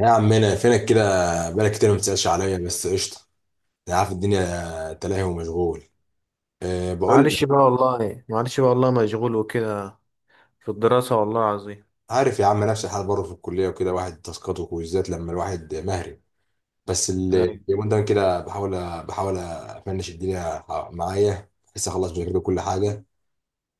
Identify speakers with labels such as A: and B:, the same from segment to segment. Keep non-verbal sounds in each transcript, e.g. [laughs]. A: يا عمنا فينك كده، بقالك كتير ما بتسألش عليا بس قشطة. أنا عارف الدنيا تلاهي ومشغول. أه بقول
B: معلش
A: لك،
B: بقى والله معلش بقى والله مشغول وكده. في الدراسة والله العظيم.
A: عارف يا عم نفس الحال برضه في الكلية وكده واحد تاسكات وكويزات لما الواحد مهري. بس
B: أيوة.
A: اليومين ده كده بحاول، أفنش الدنيا معايا بحيث أخلص بذاكر كل حاجة.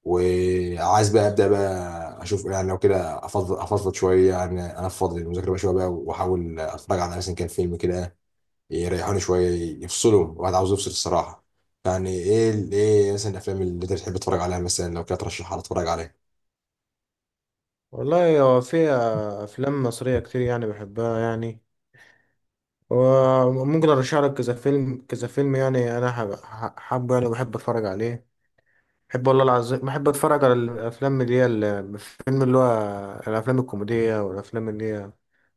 A: وعايز بقى أبدأ بقى أشوف يعني لو كده أفضل أفضفض شوية، يعني أنفض المذاكرة بقى شوية بقى وأحاول أتفرج على مثلا كان فيلم كده يريحوني شويه، يفصلوا الواحد عاوز يفصل الصراحه. يعني ايه مثلا الافلام اللي انت بتحب تتفرج عليها، مثلا لو كده ترشحها لي اتفرج عليها.
B: والله هو في أفلام مصرية كتير يعني بحبها يعني. وممكن أرشح لك كذا فيلم كذا فيلم يعني أنا حابه يعني بحب أتفرج عليه. بحب والله العظيم بحب أتفرج على الأفلام اللي هي الفيلم اللي هو الأفلام الكوميدية، والأفلام اللي هي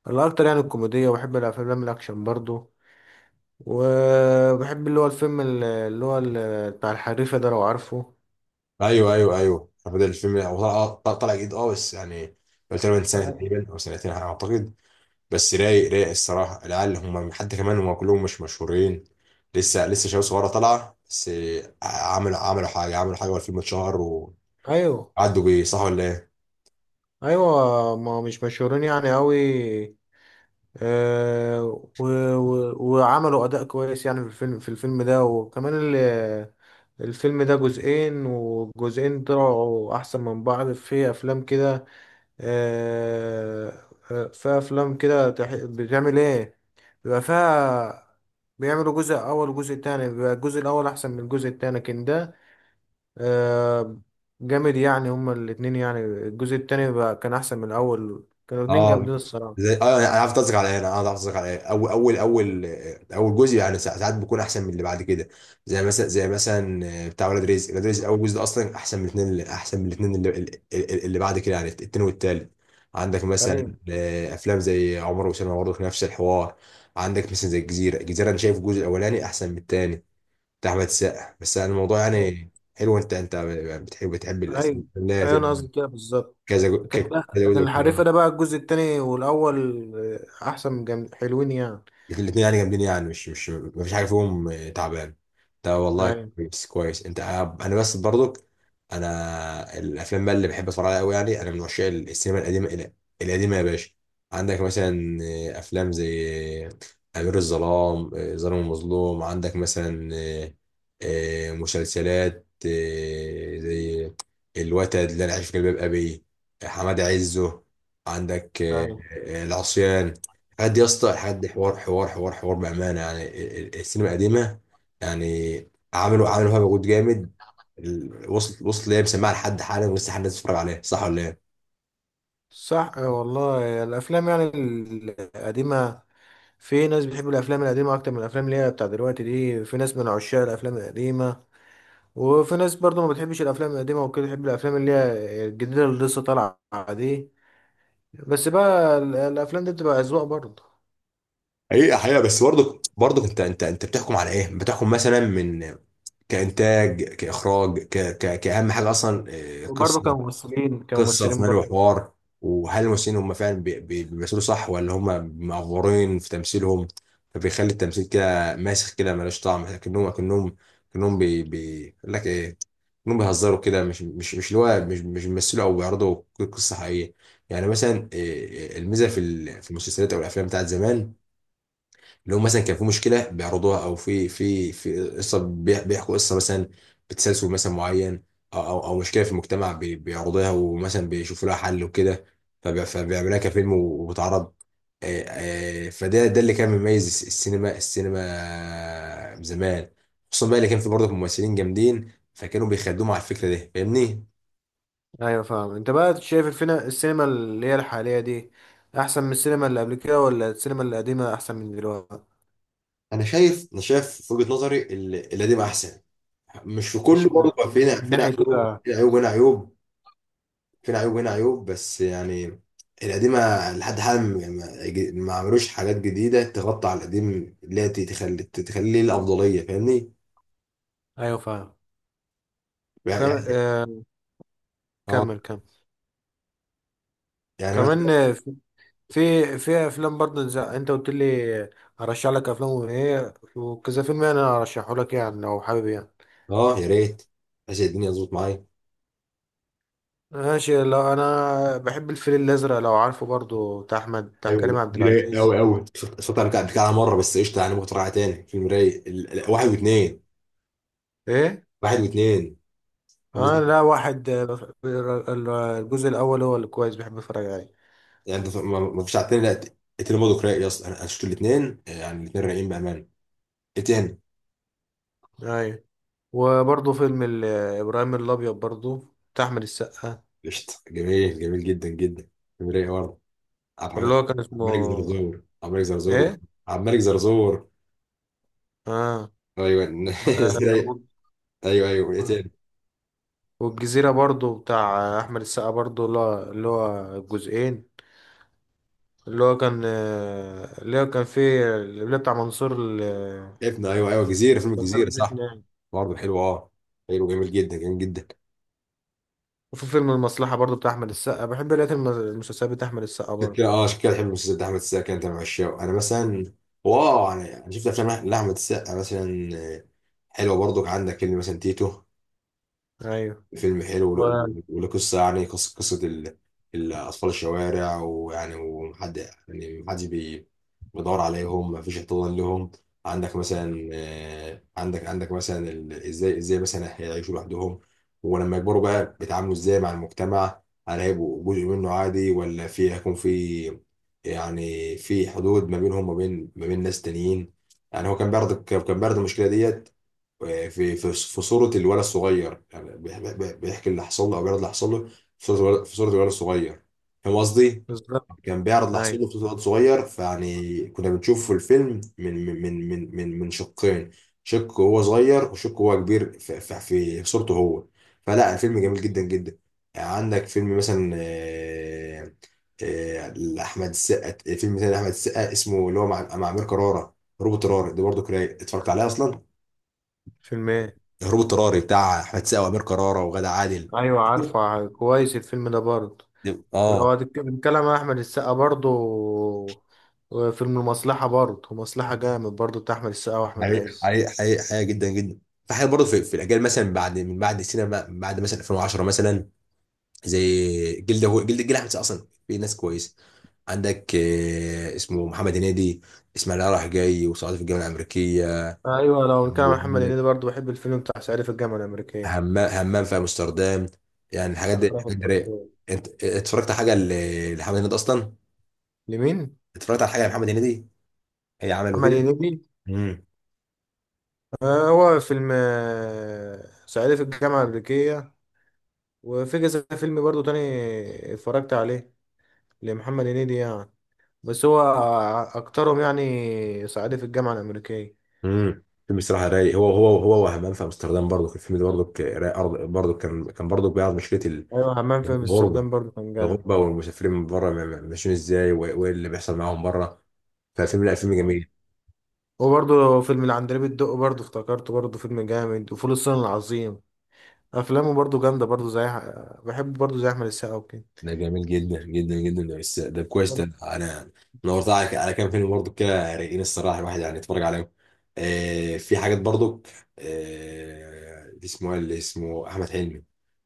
B: الأكتر يعني الكوميدية، وبحب الأفلام الأكشن برضو. وبحب اللي هو الفيلم اللي هو بتاع الحريفة ده لو عارفه.
A: ايوه، بدل الفيلم هو طلع جديد، اه بس يعني قلت له من سنه تقريبا او سنتين على ما اعتقد. بس رايق الصراحه، العيال هم حتى كمان هم كلهم مش مشهورين، لسه شباب صغيره طالعه، بس عملوا حاجه، عملوا حاجه والفيلم اتشهر
B: أيوه،
A: وعدوا بيه، صح ولا ايه؟
B: ايوه، ما مش مشهورين يعني قوي. آه. و و وعملوا اداء كويس يعني في الفيلم ده، وكمان الفيلم ده جزئين والجزئين طلعوا احسن من بعض في افلام كده. آه، آه، في افلام كده بتعمل ايه، بيبقى فيها بيعملوا جزء اول وجزء تاني بيبقى الجزء الاول احسن من الجزء التاني، لكن ده آه، جامد يعني. هما الاتنين يعني الجزء التاني بقى كان أحسن من الأول، كانوا الاتنين
A: اه
B: جامدين الصراحة.
A: زي اه، يعني انا عارف قصدك على ايه. اول اول جزء يعني ساعات بيكون احسن من اللي بعد كده. زي مثلا بتاع ولاد رزق، اول جزء ده اصلا احسن من الاثنين، اللي، اللي بعد كده يعني التاني والتالت. عندك مثلا
B: أيوة،
A: افلام زي عمر وسلمى، برضه نفس الحوار. عندك مثلا زي الجزيره، انا شايف الجزء الاولاني احسن من الثاني، بتاع احمد السقا. بس أنا الموضوع يعني حلو، انت انت بتحب الاسئله،
B: أيوة، أيوة، أنا قصدي كده بالظبط. لكن
A: كذا
B: بقى لكن
A: جزء
B: الحريفة
A: وكده.
B: ده بقى الجزء التاني والأول آه، أحسن من جامد حلوين يعني.
A: الاثنين يعني جامدين، يعني مش مش ما فيش حاجه فيهم تعبان، ده والله.
B: أيوة،
A: كويس انت، انا بس برضك. انا الافلام بقى اللي بحب اتفرج عليها قوي، يعني انا من عشاق القديمه يا باشا. عندك مثلا افلام زي امير الظلام، ظالم المظلوم. عندك مثلا مسلسلات زي الوتد، اللي انا عايش في جلباب ابي، حماد عزه. عندك
B: أيوة.
A: العصيان، قد يا اسطى، لحد حوار بامانه. يعني السينما القديمه يعني عملوا فيها مجهود جامد وصلت ليه مسمعها لحد حالا، ولسه حد الناس بتتفرج عليها، صح ولا ايه؟
B: صح آه، والله الأفلام يعني القديمة، في ناس بتحب الأفلام القديمة أكتر من الأفلام اللي هي بتاع دلوقتي دي، في ناس من عشاق الأفلام القديمة، وفي ناس برضو ما بتحبش الافلام القديمه وكده، تحب الافلام اللي هي الجديده اللي لسه طالعه دي. بس بقى الافلام دي بتبقى اذواق برضو.
A: حقيقة حقيقة بس برضك، انت بتحكم على ايه؟ بتحكم مثلا من كانتاج، كاخراج، ك ك كاهم حاجه اصلا
B: وبرضو
A: قصه،
B: كممثلين
A: قصه في
B: كممثلين
A: ملء
B: برضو.
A: وحوار. وهل الممثلين هم فعلا بيمثلوا، صح ولا هم معفورين في تمثيلهم فبيخلي التمثيل كده ماسخ كده ملوش طعم، كأنهم بي بي يقول لك ايه كأنهم بيهزروا كده، مش مش مش اللي هو مش مش بيمثلوا او بيعرضوا قصه حقيقيه. يعني مثلا الميزه في المسلسلات او الافلام بتاعت زمان، لو مثلا كان في مشكله بيعرضوها، او في قصه بيحكوا قصه مثلا بتسلسل مثلا معين، او او أو مشكله في المجتمع بيعرضوها ومثلا بيشوفوا لها حل وكده، فبيعملوها كفيلم وبتعرض. آه، فده ده اللي كان مميز السينما زمان، خصوصا بقى اللي كان في برضه ممثلين جامدين فكانوا بيخدموا على الفكره دي، فاهمني؟
B: ايوه فاهم. انت بقى شايف الفينا السينما اللي هي الحاليه دي احسن من السينما اللي قبل كده، ولا السينما القديمه احسن من دلوقتي؟
A: انا شايف في وجهه نظري القديم احسن. مش في كله
B: مش
A: برضه،
B: من
A: فينا
B: ناحيه
A: عيوب،
B: كده.
A: هنا عيوب، فين عيوب هنا عيوب. بس يعني القديمة لحد حالا يعني ما ما عملوش حاجات جديدة تغطي على القديم اللي هي تخليه الأفضلية، فاهمني؟
B: ايوه فاهم.
A: يعني
B: وكم...
A: يعني
B: آه...
A: اه.
B: كمل كمل
A: يعني مثلا
B: كمان. في في افلام برضه زي انت قلت لي ارشح لك افلام وايه وكذا فيلم، يعني انا ارشحه لك يعني لو حابب يعني.
A: اه. يا ريت، عشان الدنيا تظبط معايا.
B: ماشي، لو انا بحب الفيل الازرق لو عارفه برضه، بتاع احمد، بتاع
A: ايوه،
B: كريم عبد
A: دي رايق قوي
B: العزيز.
A: قوي، صوت انا قبل كده مره، بس قشطه يعني ممكن تراجع تاني. فيلم رايق واحد واثنين،
B: ايه.
A: واحد واثنين.
B: اه،
A: المز-
B: لا، واحد، الجزء الاول هو اللي كويس بحب اتفرج عليه.
A: يعني انت ما فيش على التاني؟ لا التاني برضه رايق يا اسطى، أنا شفت الاثنين، يعني الاثنين رايقين بامان. ايه تاني؟
B: ايوه. وبرضه فيلم ابراهيم الابيض برضه بتاع احمد السقا.
A: قشطه، جميل جميل جدا جدا، فيلم رايق برضه. عبد
B: اللي
A: الملك
B: هو كان اسمه
A: عبد الملك زرزور
B: ايه؟
A: عبد الملك زرزور.
B: اه.
A: ايوه [laughs] ازاي؟ ايوه ايوه، ايه تاني؟
B: والجزيرة برضو بتاع أحمد السقا برضو، اللي هو الجزئين، اللي هو كان اللي هو كان فيه اللي بتاع
A: ابن، ايوه ايوه، جزيره، فيلم
B: منصور
A: الجزيره، صح،
B: الفتنة.
A: برضه حلو اه، حلو جميل جدا جميل جدا.
B: وفي فيلم المصلحة برضو بتاع أحمد السقا، بحب لقيت المسلسلات بتاع أحمد السقا
A: عشان
B: برضو.
A: كده اه، عشان كده بحب المسلسل ده، احمد السقا انت من عشاقه. انا مثلا واو، انا شفت افلام لاحمد السقا مثلا آه، حلوه برضه. عندك فيلم مثلا تيتو،
B: أيوة.
A: فيلم حلو
B: و-
A: وله قصة، يعني قصة ال- الأطفال الشوارع، ويعني ومحد يعني محدش بيدور عليهم، مفيش احتضان لهم. عندك مثلا عندك مثلا ازاي مثلا هيعيشوا لوحدهم، ولما يكبروا بقى بيتعاملوا ازاي مع المجتمع، هل هيبقوا جزء منه عادي ولا هيكون في يعني في حدود ما بينهم وما بين ما بين ناس تانيين. يعني هو كان بيعرض المشكلة ديت في صورة الولد الصغير، يعني بيحكي اللي حصل له أو بيعرض اللي حصل له في صورة الولد، في صورة الولد الصغير، فاهم قصدي؟
B: بالظبط.
A: كان بيعرض اللي حصل
B: أيوة.
A: له في صورة الولد الصغير، فيعني كنا بنشوف في الفيلم من شقين، شق هو صغير وشق هو كبير، في، في صورته هو. فلا الفيلم جميل جدا جدا. يعني عندك فيلم مثلا لأحمد السقا، فيلم تاني لأحمد السقا اسمه اللي هو مع أمير كرارة، روبوت رارة دي برضه، كرايك اتفرجت عليها أصلا؟
B: فيلم إيه؟
A: هروب اضطراري، بتاع احمد سقا وامير كرارة وغادة عادل.
B: أيوة عارفة كويس الفيلم ده برضو. ولو
A: اه.
B: هتتكلم عن أحمد السقا برضو، فيلم المصلحة برضو، مصلحة جامد برضو بتاع أحمد السقا وأحمد عز.
A: حقيقة جدا جدا. في حاجات برضه في، الاجيال مثلا من بعد السينما، من بعد مثلا 2010 مثلا، زي جلد، هو جلد احمد سقا. اصلا في ناس كويسه عندك اسمه محمد هنيدي، اسماعيل رايح جاي، وصعيدي في الجامعه الامريكيه.
B: ايوه، لو كان محمد
A: وعندك
B: هنيدي برضه بحب الفيلم بتاع صعيدي في الجامعه الامريكيه.
A: همام في امستردام، يعني
B: الاخراف
A: الحاجات دي رايقه.
B: الدكتور.
A: انت اتفرجت على حاجه لمحمد هنيدي اصلا؟
B: لمين؟
A: اتفرجت على حاجه لمحمد هنيدي؟ هي عمله
B: محمد
A: كده.
B: هنيدي.
A: مم.
B: آه، هو فيلم صعيدي في الجامعه الامريكيه، وفي كذا فيلم برضه تاني اتفرجت عليه لمحمد هنيدي يعني، بس هو اكترهم يعني صعيدي في الجامعه الامريكيه.
A: امم، فيلم الصراحه رايق، هو. وهمان في امستردام برضو، في الفيلم ده برضو برضو كان برضو بيعرض مشكله
B: ايوه، حمام في
A: الغربه،
B: امستردام برضه كان جامد.
A: والمسافرين من بره ماشيين ازاي، وايه اللي بيحصل معاهم بره. فالفيلم لا، فيلم
B: آه.
A: جميل.
B: وبرضه فيلم العندليب الدق برضه افتكرته، برضه فيلم جامد، وفول الصين العظيم، افلامه برضه جامده برضه زي، بحب برضه زي احمد السقا وكده.
A: ده جميل جدا جدا جدا، بس ده كويس.
B: أيوة.
A: ده انا نورت على كام فيلم برضو كده رايقين الصراحه، الواحد يعني يتفرج عليهم. آه، في حاجات برضو آه، اللي اسمه إيه، اللي اسمه احمد حلمي،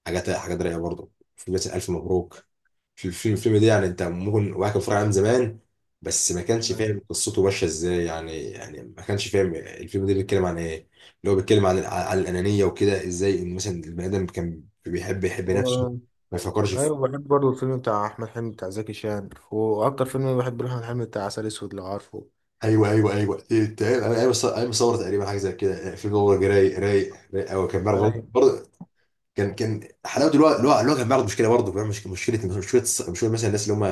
A: حاجات رايقه برضو، في مثلا الف مبروك. في الفيلم، ده يعني انت ممكن واحد كان فرع من زمان، بس ما كانش فاهم قصته ماشيه ازاي، يعني يعني ما كانش فاهم الفيلم ده بيتكلم عن ايه. اللي هو بيتكلم عن الانانيه وكده، ازاي ان مثلا البني ادم كان بيحب يحب
B: و...
A: نفسه ما يفكرش.
B: ايوه بحب برضه الفيلم بتاع احمد حلمي بتاع زكي شان، واكتر فيلم بحب له احمد حلمي بتاع عسل اسود لو عارفه.
A: ايوه تقريبا، انا ايوه صور، ايوه صور تقريبا حاجه زي كده في جوجل. رايق قوي، كان بيعرف
B: ايوه.
A: برضه، كان حلاوه، الوقت كان بيعرض مشكله برضه، فاهم؟ مش مشكله، مشكله مثلا الناس اللي هم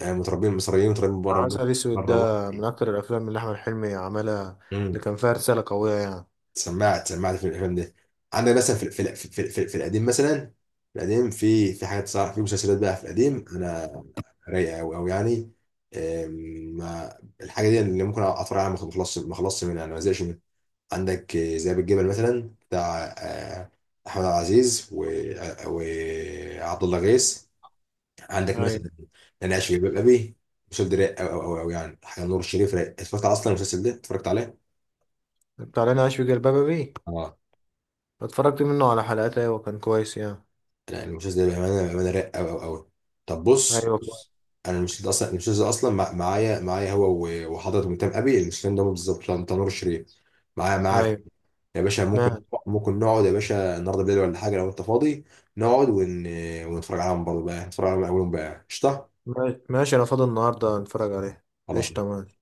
A: متربيين، مصريين متربيين بره،
B: عسل اسود ده
A: بره مصر.
B: من اكتر الافلام اللي احمد حلمي عملها، اللي
A: امم.
B: كان فيها رساله قويه يعني.
A: سمعت، سمعت في الافلام دي. عندك مثلا في القديم مثلا، في القديم في في حاجات صار، في مسلسلات بقى في القديم، انا رايقه قوي قوي يعني. أم، الحاجه دي اللي ممكن اتفرج عليها ما خلصش، ما خلصش منها، انا ما زهقش منها. عندك زي بالجبل مثلا، بتاع احمد عبد العزيز وعبد الله غيث. عندك
B: ايوه،
A: مثلا انا عايش في جلباب ابي، المسلسل ده رايق او، يعني حاجه نور الشريف رايق. اتفرجت على اصلا المسلسل ده، اتفرجت عليه؟
B: بتاع لنا عايش في جلباب ابي،
A: اه
B: اتفرجت منه على حلقات، ايوه كان كويس يعني.
A: لا، المسلسل ده بامانه، بامانه رايق او. طب
B: ايوه
A: بص،
B: كويس.
A: انا المسلسل ده اصلا، المسلسل ده اصلا معايا هو وحضرة ميتام ابي، المسلسلين ده بالظبط بتاع نور الشريف، معايا.
B: ايوه،
A: يا باشا ممكن،
B: ماشي،
A: ممكن نقعد يا باشا النهارده بالليل ولا حاجه لو انت فاضي؟ نقعد ون... ونتفرج عليهم برضه بقى، نتفرج عليهم من اولهم بقى، قشطه.
B: ماشي، ماشي، انا فاضي النهارده نتفرج عليه.
A: خلاص.
B: قشطه ماشي.